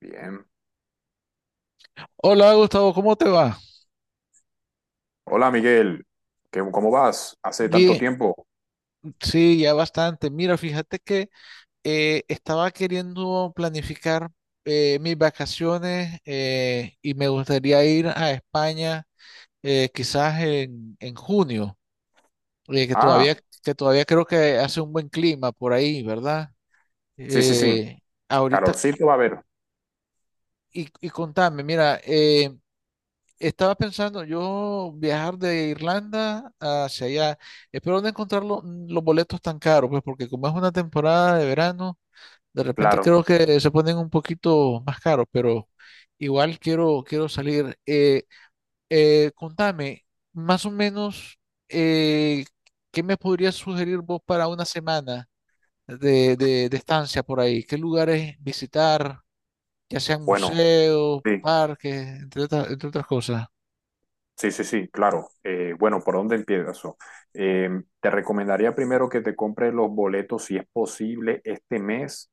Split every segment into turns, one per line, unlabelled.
Bien.
Hola Gustavo, ¿cómo te va?
Hola Miguel, ¿Cómo vas? Hace tanto
Bien,
tiempo.
sí, ya bastante. Mira, fíjate que estaba queriendo planificar mis vacaciones y me gustaría ir a España quizás en junio, eh, que
Ah,
todavía, que todavía creo que hace un buen clima por ahí, ¿verdad?
sí, sí, sí.
Eh, Ahorita,
Calorcito va a haber,
y contame, mira, estaba pensando yo viajar de Irlanda hacia allá. Espero no encontrar los boletos tan caros, pues porque como es una temporada de verano, de repente
claro.
creo que se ponen un poquito más caros, pero igual quiero salir. Contame, más o menos, eh, ¿qué me podrías sugerir vos para una semana de estancia por ahí? ¿Qué lugares visitar? Ya sean
Bueno,
museos,
sí,
parques, entre otras cosas.
sí, sí, sí, claro. Bueno, ¿por dónde empiezo? Eh, te recomendaría primero que te compres los boletos, si es posible, este mes.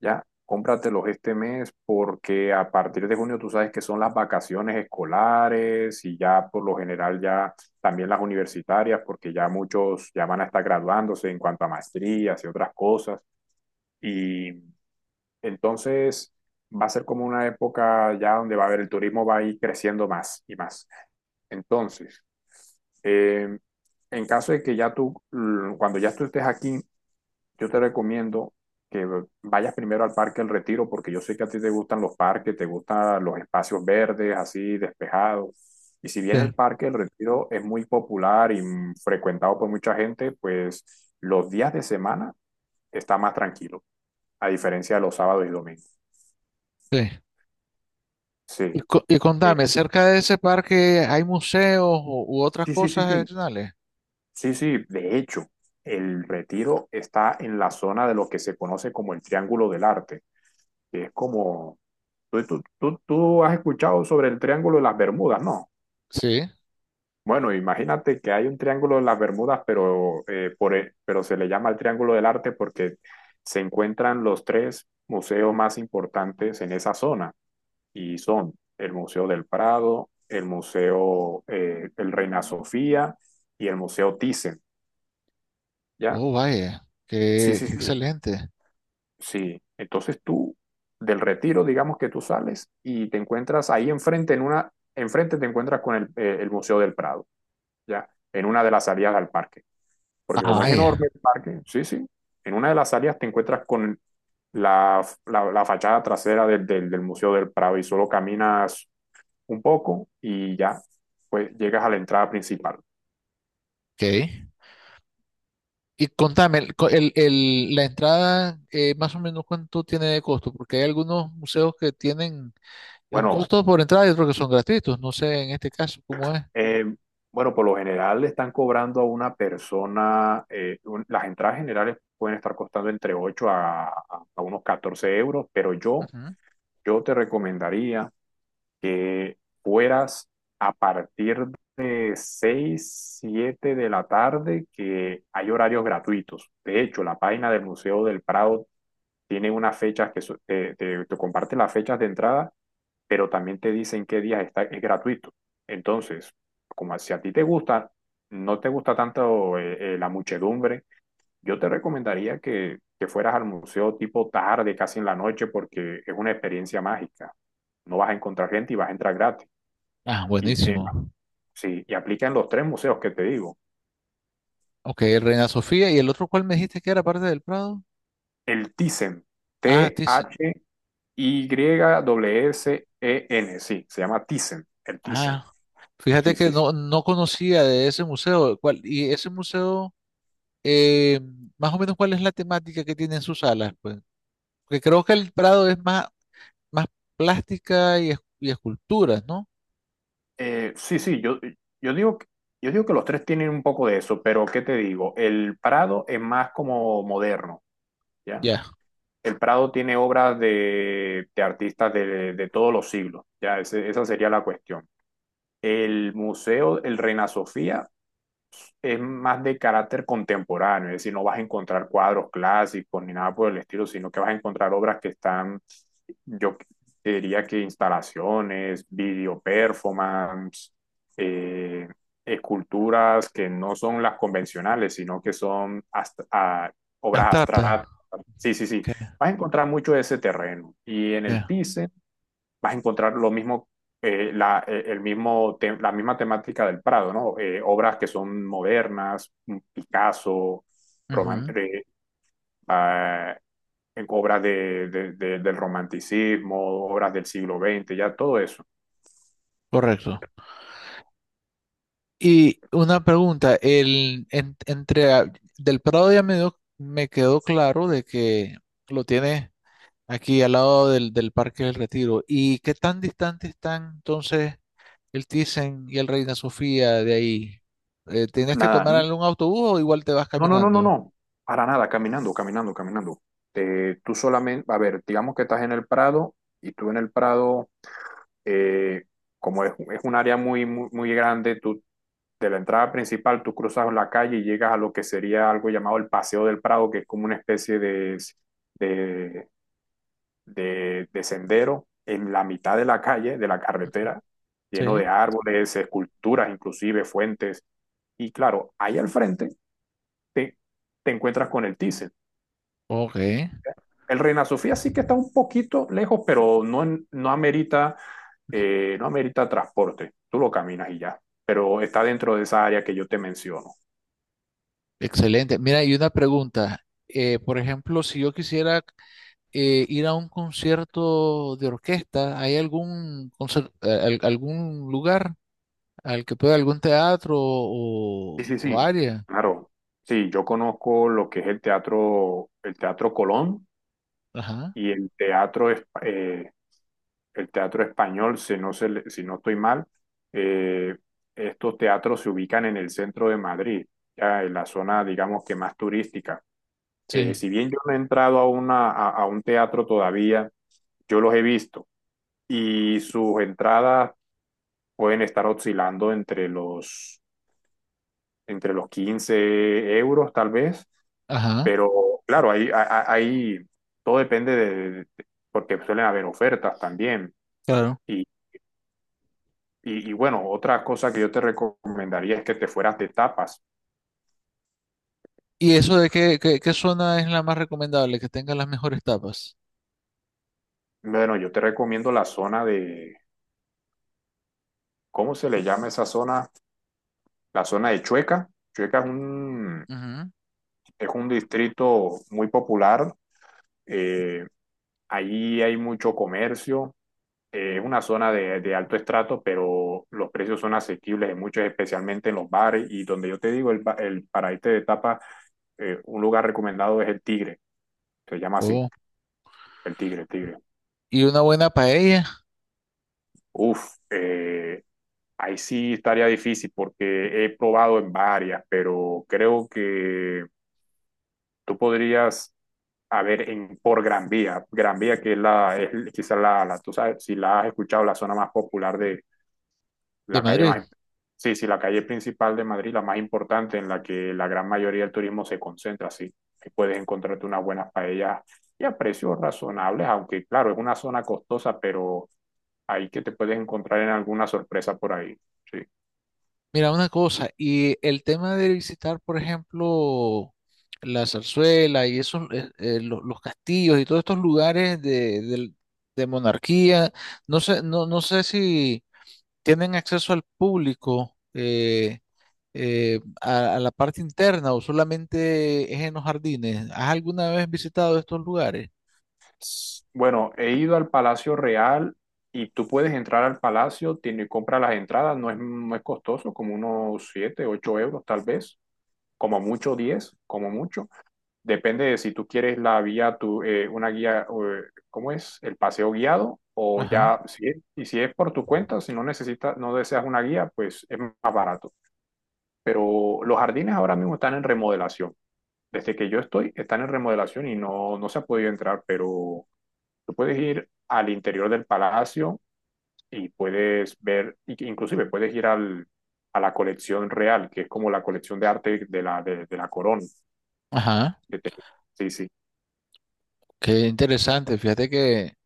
Ya, cómpratelos este mes porque a partir de junio tú sabes que son las vacaciones escolares y ya por lo general ya también las universitarias porque ya muchos ya van a estar graduándose en cuanto a maestrías y otras cosas. Y entonces va a ser como una época ya donde va a haber, el turismo va a ir creciendo más y más. Entonces, eh, en caso de que cuando ya tú estés aquí, yo te recomiendo que vayas primero al Parque El Retiro, porque yo sé que a ti te gustan los parques, te gustan los espacios verdes, así despejados. Y si bien
Sí,
el Parque El Retiro es muy popular y frecuentado por mucha gente, pues los días de semana está más tranquilo, a diferencia de los sábados y domingos.
sí. Y,
Sí.
y
Eh,
contame, cerca de ese parque hay museos u otras
sí, sí, sí,
cosas
sí.
adicionales.
Sí, sí, de hecho, el Retiro está en la zona de lo que se conoce como el Triángulo del Arte, que es como. Tú has escuchado sobre el Triángulo de las Bermudas, ¿no?
Sí.
Bueno, imagínate que hay un Triángulo de las Bermudas, pero se le llama el Triángulo del Arte porque se encuentran los tres museos más importantes en esa zona, y son el Museo del Prado, el Museo el Reina Sofía y el Museo Thyssen, ¿ya?
Oh, vaya.
Sí,
Qué,
sí,
qué
sí.
excelente.
Sí, entonces tú, del Retiro, digamos que tú sales y te encuentras ahí enfrente, enfrente te encuentras con el Museo del Prado, ¿ya? En una de las salidas al parque, porque
Ah,
como es enorme
vaya.
el parque, sí, sí, en una de las salidas te encuentras con la fachada trasera del Museo del Prado, y solo caminas un poco y ya, pues llegas a la entrada principal.
Ok. Y contame, el, co- el- la entrada, más o menos, ¿cuánto tiene de costo? Porque hay algunos museos que tienen un
Bueno,
costo por entrada y otros que son gratuitos. No sé en este caso cómo es.
Eh, bueno, por lo general le están cobrando a una persona, las entradas generales pueden estar costando entre 8 a unos 14 euros, pero yo,
Ujú.
yo te recomendaría que fueras a partir de 6 7 de la tarde, que hay horarios gratuitos. De hecho, la página del Museo del Prado tiene unas fechas que te comparte las fechas de entrada, pero también te dicen qué días está, es gratuito. Entonces, como si a ti te gusta, no te gusta tanto la muchedumbre, yo te recomendaría que fueras al museo tipo tarde, casi en la noche, porque es una experiencia mágica. No vas a encontrar gente y vas a entrar gratis.
Ah,
Y, eh,
buenísimo.
sí, y aplica en los tres museos que te digo.
Ok, Reina Sofía. ¿Y el otro cuál me dijiste que era parte del Prado?
El Thyssen,
Ah, Thyssen.
T-H-Y-S-E-N, sí, se llama Thyssen, el Thyssen.
Ah, fíjate
Sí,
que
sí, sí.
no, no conocía de ese museo. ¿Y ese museo, eh, más o menos, cuál es la temática que tiene en sus salas? Pues, porque creo que el Prado es más plástica y, y esculturas, ¿no?
Sí, sí, yo digo, que- yo digo que los tres tienen un poco de eso, pero ¿qué te digo? El Prado es más como moderno, ¿ya?
Ya.
El Prado tiene obras de artistas de todos los siglos, ¿ya? Esa sería la cuestión. El Museo, el Reina Sofía, es más de carácter contemporáneo, es decir, no vas a encontrar cuadros clásicos ni nada por el estilo, sino que vas a encontrar obras que están, yo diría que instalaciones, video performance, eh, esculturas que no son las convencionales, sino que son hasta obras
Abstracta.
abstractas. Sí, sí, sí.
Ok.
Vas a encontrar mucho de ese terreno. Y en el
Ya.
TICE vas a encontrar lo mismo, el mismo la misma temática del Prado, ¿no? Obras que son modernas, Picasso, roman-
Ujú.
eh, ah, en obras del romanticismo, obras del siglo XX, ya todo eso.
Correcto. Y una pregunta, el, en- entre a- del Prado ya me, me quedó claro de que lo tiene aquí al lado del, del Parque del Retiro. ¿Y qué tan distante están entonces el Thyssen y el Reina Sofía de ahí? ¿Tienes que
Nada,
tomar algún autobús o igual te vas
no, no, no, no,
caminando?
no, para nada, caminando, caminando, caminando. Tú solamente, a ver, digamos que estás en el Prado, y tú en el Prado, eh, como es un área muy, muy, muy grande, tú de la entrada principal, tú cruzas la calle y llegas a lo que sería algo llamado el Paseo del Prado, que es como una especie de, de sendero en la mitad de la calle, de la
Ujú.
carretera, lleno
Sí.
de árboles, esculturas, inclusive fuentes. Y claro, ahí al frente te, te encuentras con el Thyssen.
Ok,
El Reina Sofía sí que está un poquito lejos, pero no, no amerita, no amerita transporte. Tú lo caminas y ya. Pero está dentro de esa área que yo te menciono.
excelente. Mira, y una pregunta. Por ejemplo, si yo quisiera ir a un concierto de orquesta, ¿hay algún lugar al que pueda, algún teatro
Sí, sí,
o
sí,
área?
claro. Sí, yo conozco lo que es el Teatro Colón
Ajá,
y el Teatro Español, si no, si no estoy mal. Eh, estos teatros se ubican en el centro de Madrid, ya en la zona, digamos que más turística. Eh,
sí,
si bien yo no he entrado a, a un teatro todavía, yo los he visto y sus entradas pueden estar oscilando entre los 15 euros, tal vez.
ajá,
Pero claro, ahí todo depende porque suelen haber ofertas también.
claro.
Y, y bueno, otra cosa que yo te recomendaría es que te fueras de tapas.
¿Y eso de qué, qué, qué zona es la más recomendable, que tenga las mejores tapas?
Bueno, yo te recomiendo la zona de, ¿cómo se le llama esa zona? La zona de Chueca. Chueca es un,
Ujú.
es un distrito muy popular. eh, Ahí hay mucho comercio. Es una zona de alto estrato, pero los precios son asequibles en muchos, especialmente en los bares. Y donde yo te digo, el, ba- el para irte de tapa, un lugar recomendado es el Tigre. Se llama así, el Tigre, el Tigre.
¿Y una buena paella
Uf, ahí sí estaría difícil porque he probado en varias, pero creo que tú podrías, a ver, por Gran Vía. Gran Vía que es es quizás la, tú sabes, si la has escuchado, la zona más popular de,
de
la calle
Madrid?
más, sí, sí, la calle principal de Madrid, la más importante, en la que la gran mayoría del turismo se concentra, sí. Que puedes encontrarte unas buenas paellas y a precios razonables, aunque claro, es una zona costosa, pero ahí que te puedes encontrar en alguna sorpresa por ahí. Sí.
Mira, una cosa, y el tema de visitar, por ejemplo, la Zarzuela y esos, los castillos y todos estos lugares de monarquía, no sé, no, no sé si tienen acceso al público a la parte interna, o solamente es en los jardines. ¿Has alguna vez visitado estos lugares?
Bueno, he ido al Palacio Real y tú puedes entrar al palacio, tiene, compra las entradas, no es, no es costoso, como unos 7 8 euros tal vez, como mucho diez, como mucho. Depende de si tú quieres la guía, una guía, ¿cómo es? El paseo guiado o
Ajá,
ya, si es por tu cuenta, si no necesitas, no deseas una guía, pues es más barato. Pero los jardines ahora mismo están en remodelación. Desde que yo estoy, están en remodelación y no, no se ha podido entrar, pero tú puedes ir al interior del palacio y puedes ver, y que inclusive puedes ir al, a la colección real, que es como la colección de arte de la corona.
ajá,
que te- Sí, sí.
qué interesante. Fíjate que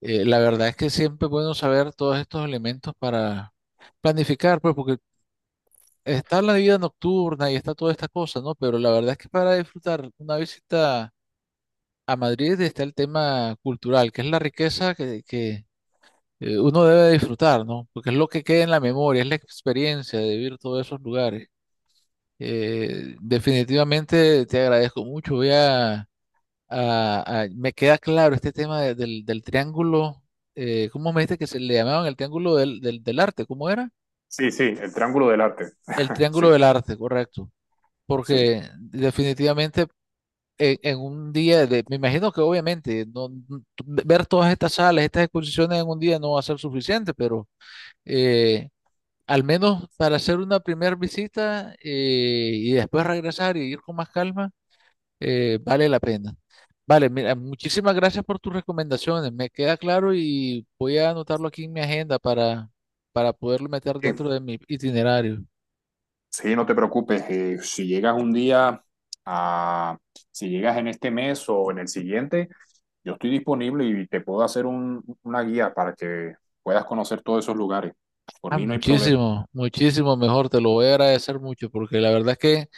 La verdad es que siempre es bueno saber todos estos elementos para planificar, pues porque está la vida nocturna y está toda esta cosa, ¿no? Pero la verdad es que para disfrutar una visita a Madrid está el tema cultural, que es la riqueza que uno debe disfrutar, ¿no? Porque es lo que queda en la memoria, es la experiencia de vivir todos esos lugares. Definitivamente te agradezco mucho. Voy a... Ah, ah, me queda claro este tema del triángulo, ¿cómo me dijiste que se le llamaban? ¿El triángulo del arte? ¿Cómo era?
Sí, sí, el Triángulo del Arte.
El
Sí,
triángulo del arte, correcto.
sí.
Porque definitivamente en un día, de, me imagino que obviamente ver todas estas salas, estas exposiciones en un día no va a ser suficiente, pero eh, al menos para hacer una primera visita y después regresar y ir con más calma, vale la pena. Vale, mira, muchísimas gracias por tus recomendaciones. Me queda claro y voy a anotarlo aquí en mi agenda para poderlo meter
Eh,
dentro de mi itinerario.
Sí, no te preocupes. Si llegas a, si llegas en este mes o en el siguiente, yo estoy disponible y te puedo hacer una guía para que puedas conocer todos esos lugares. Por
Ah,
mí no hay problema.
muchísimo, muchísimo mejor. Te lo voy a agradecer mucho porque la verdad es que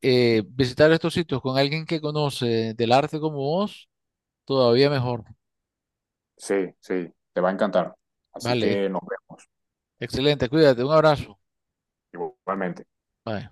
visitar estos sitios con alguien que conoce del arte como vos, todavía mejor.
Sí, sí, te va a encantar. Así
Vale,
que nos vemos.
excelente. Cuídate. Un abrazo.
Igualmente.
Bye.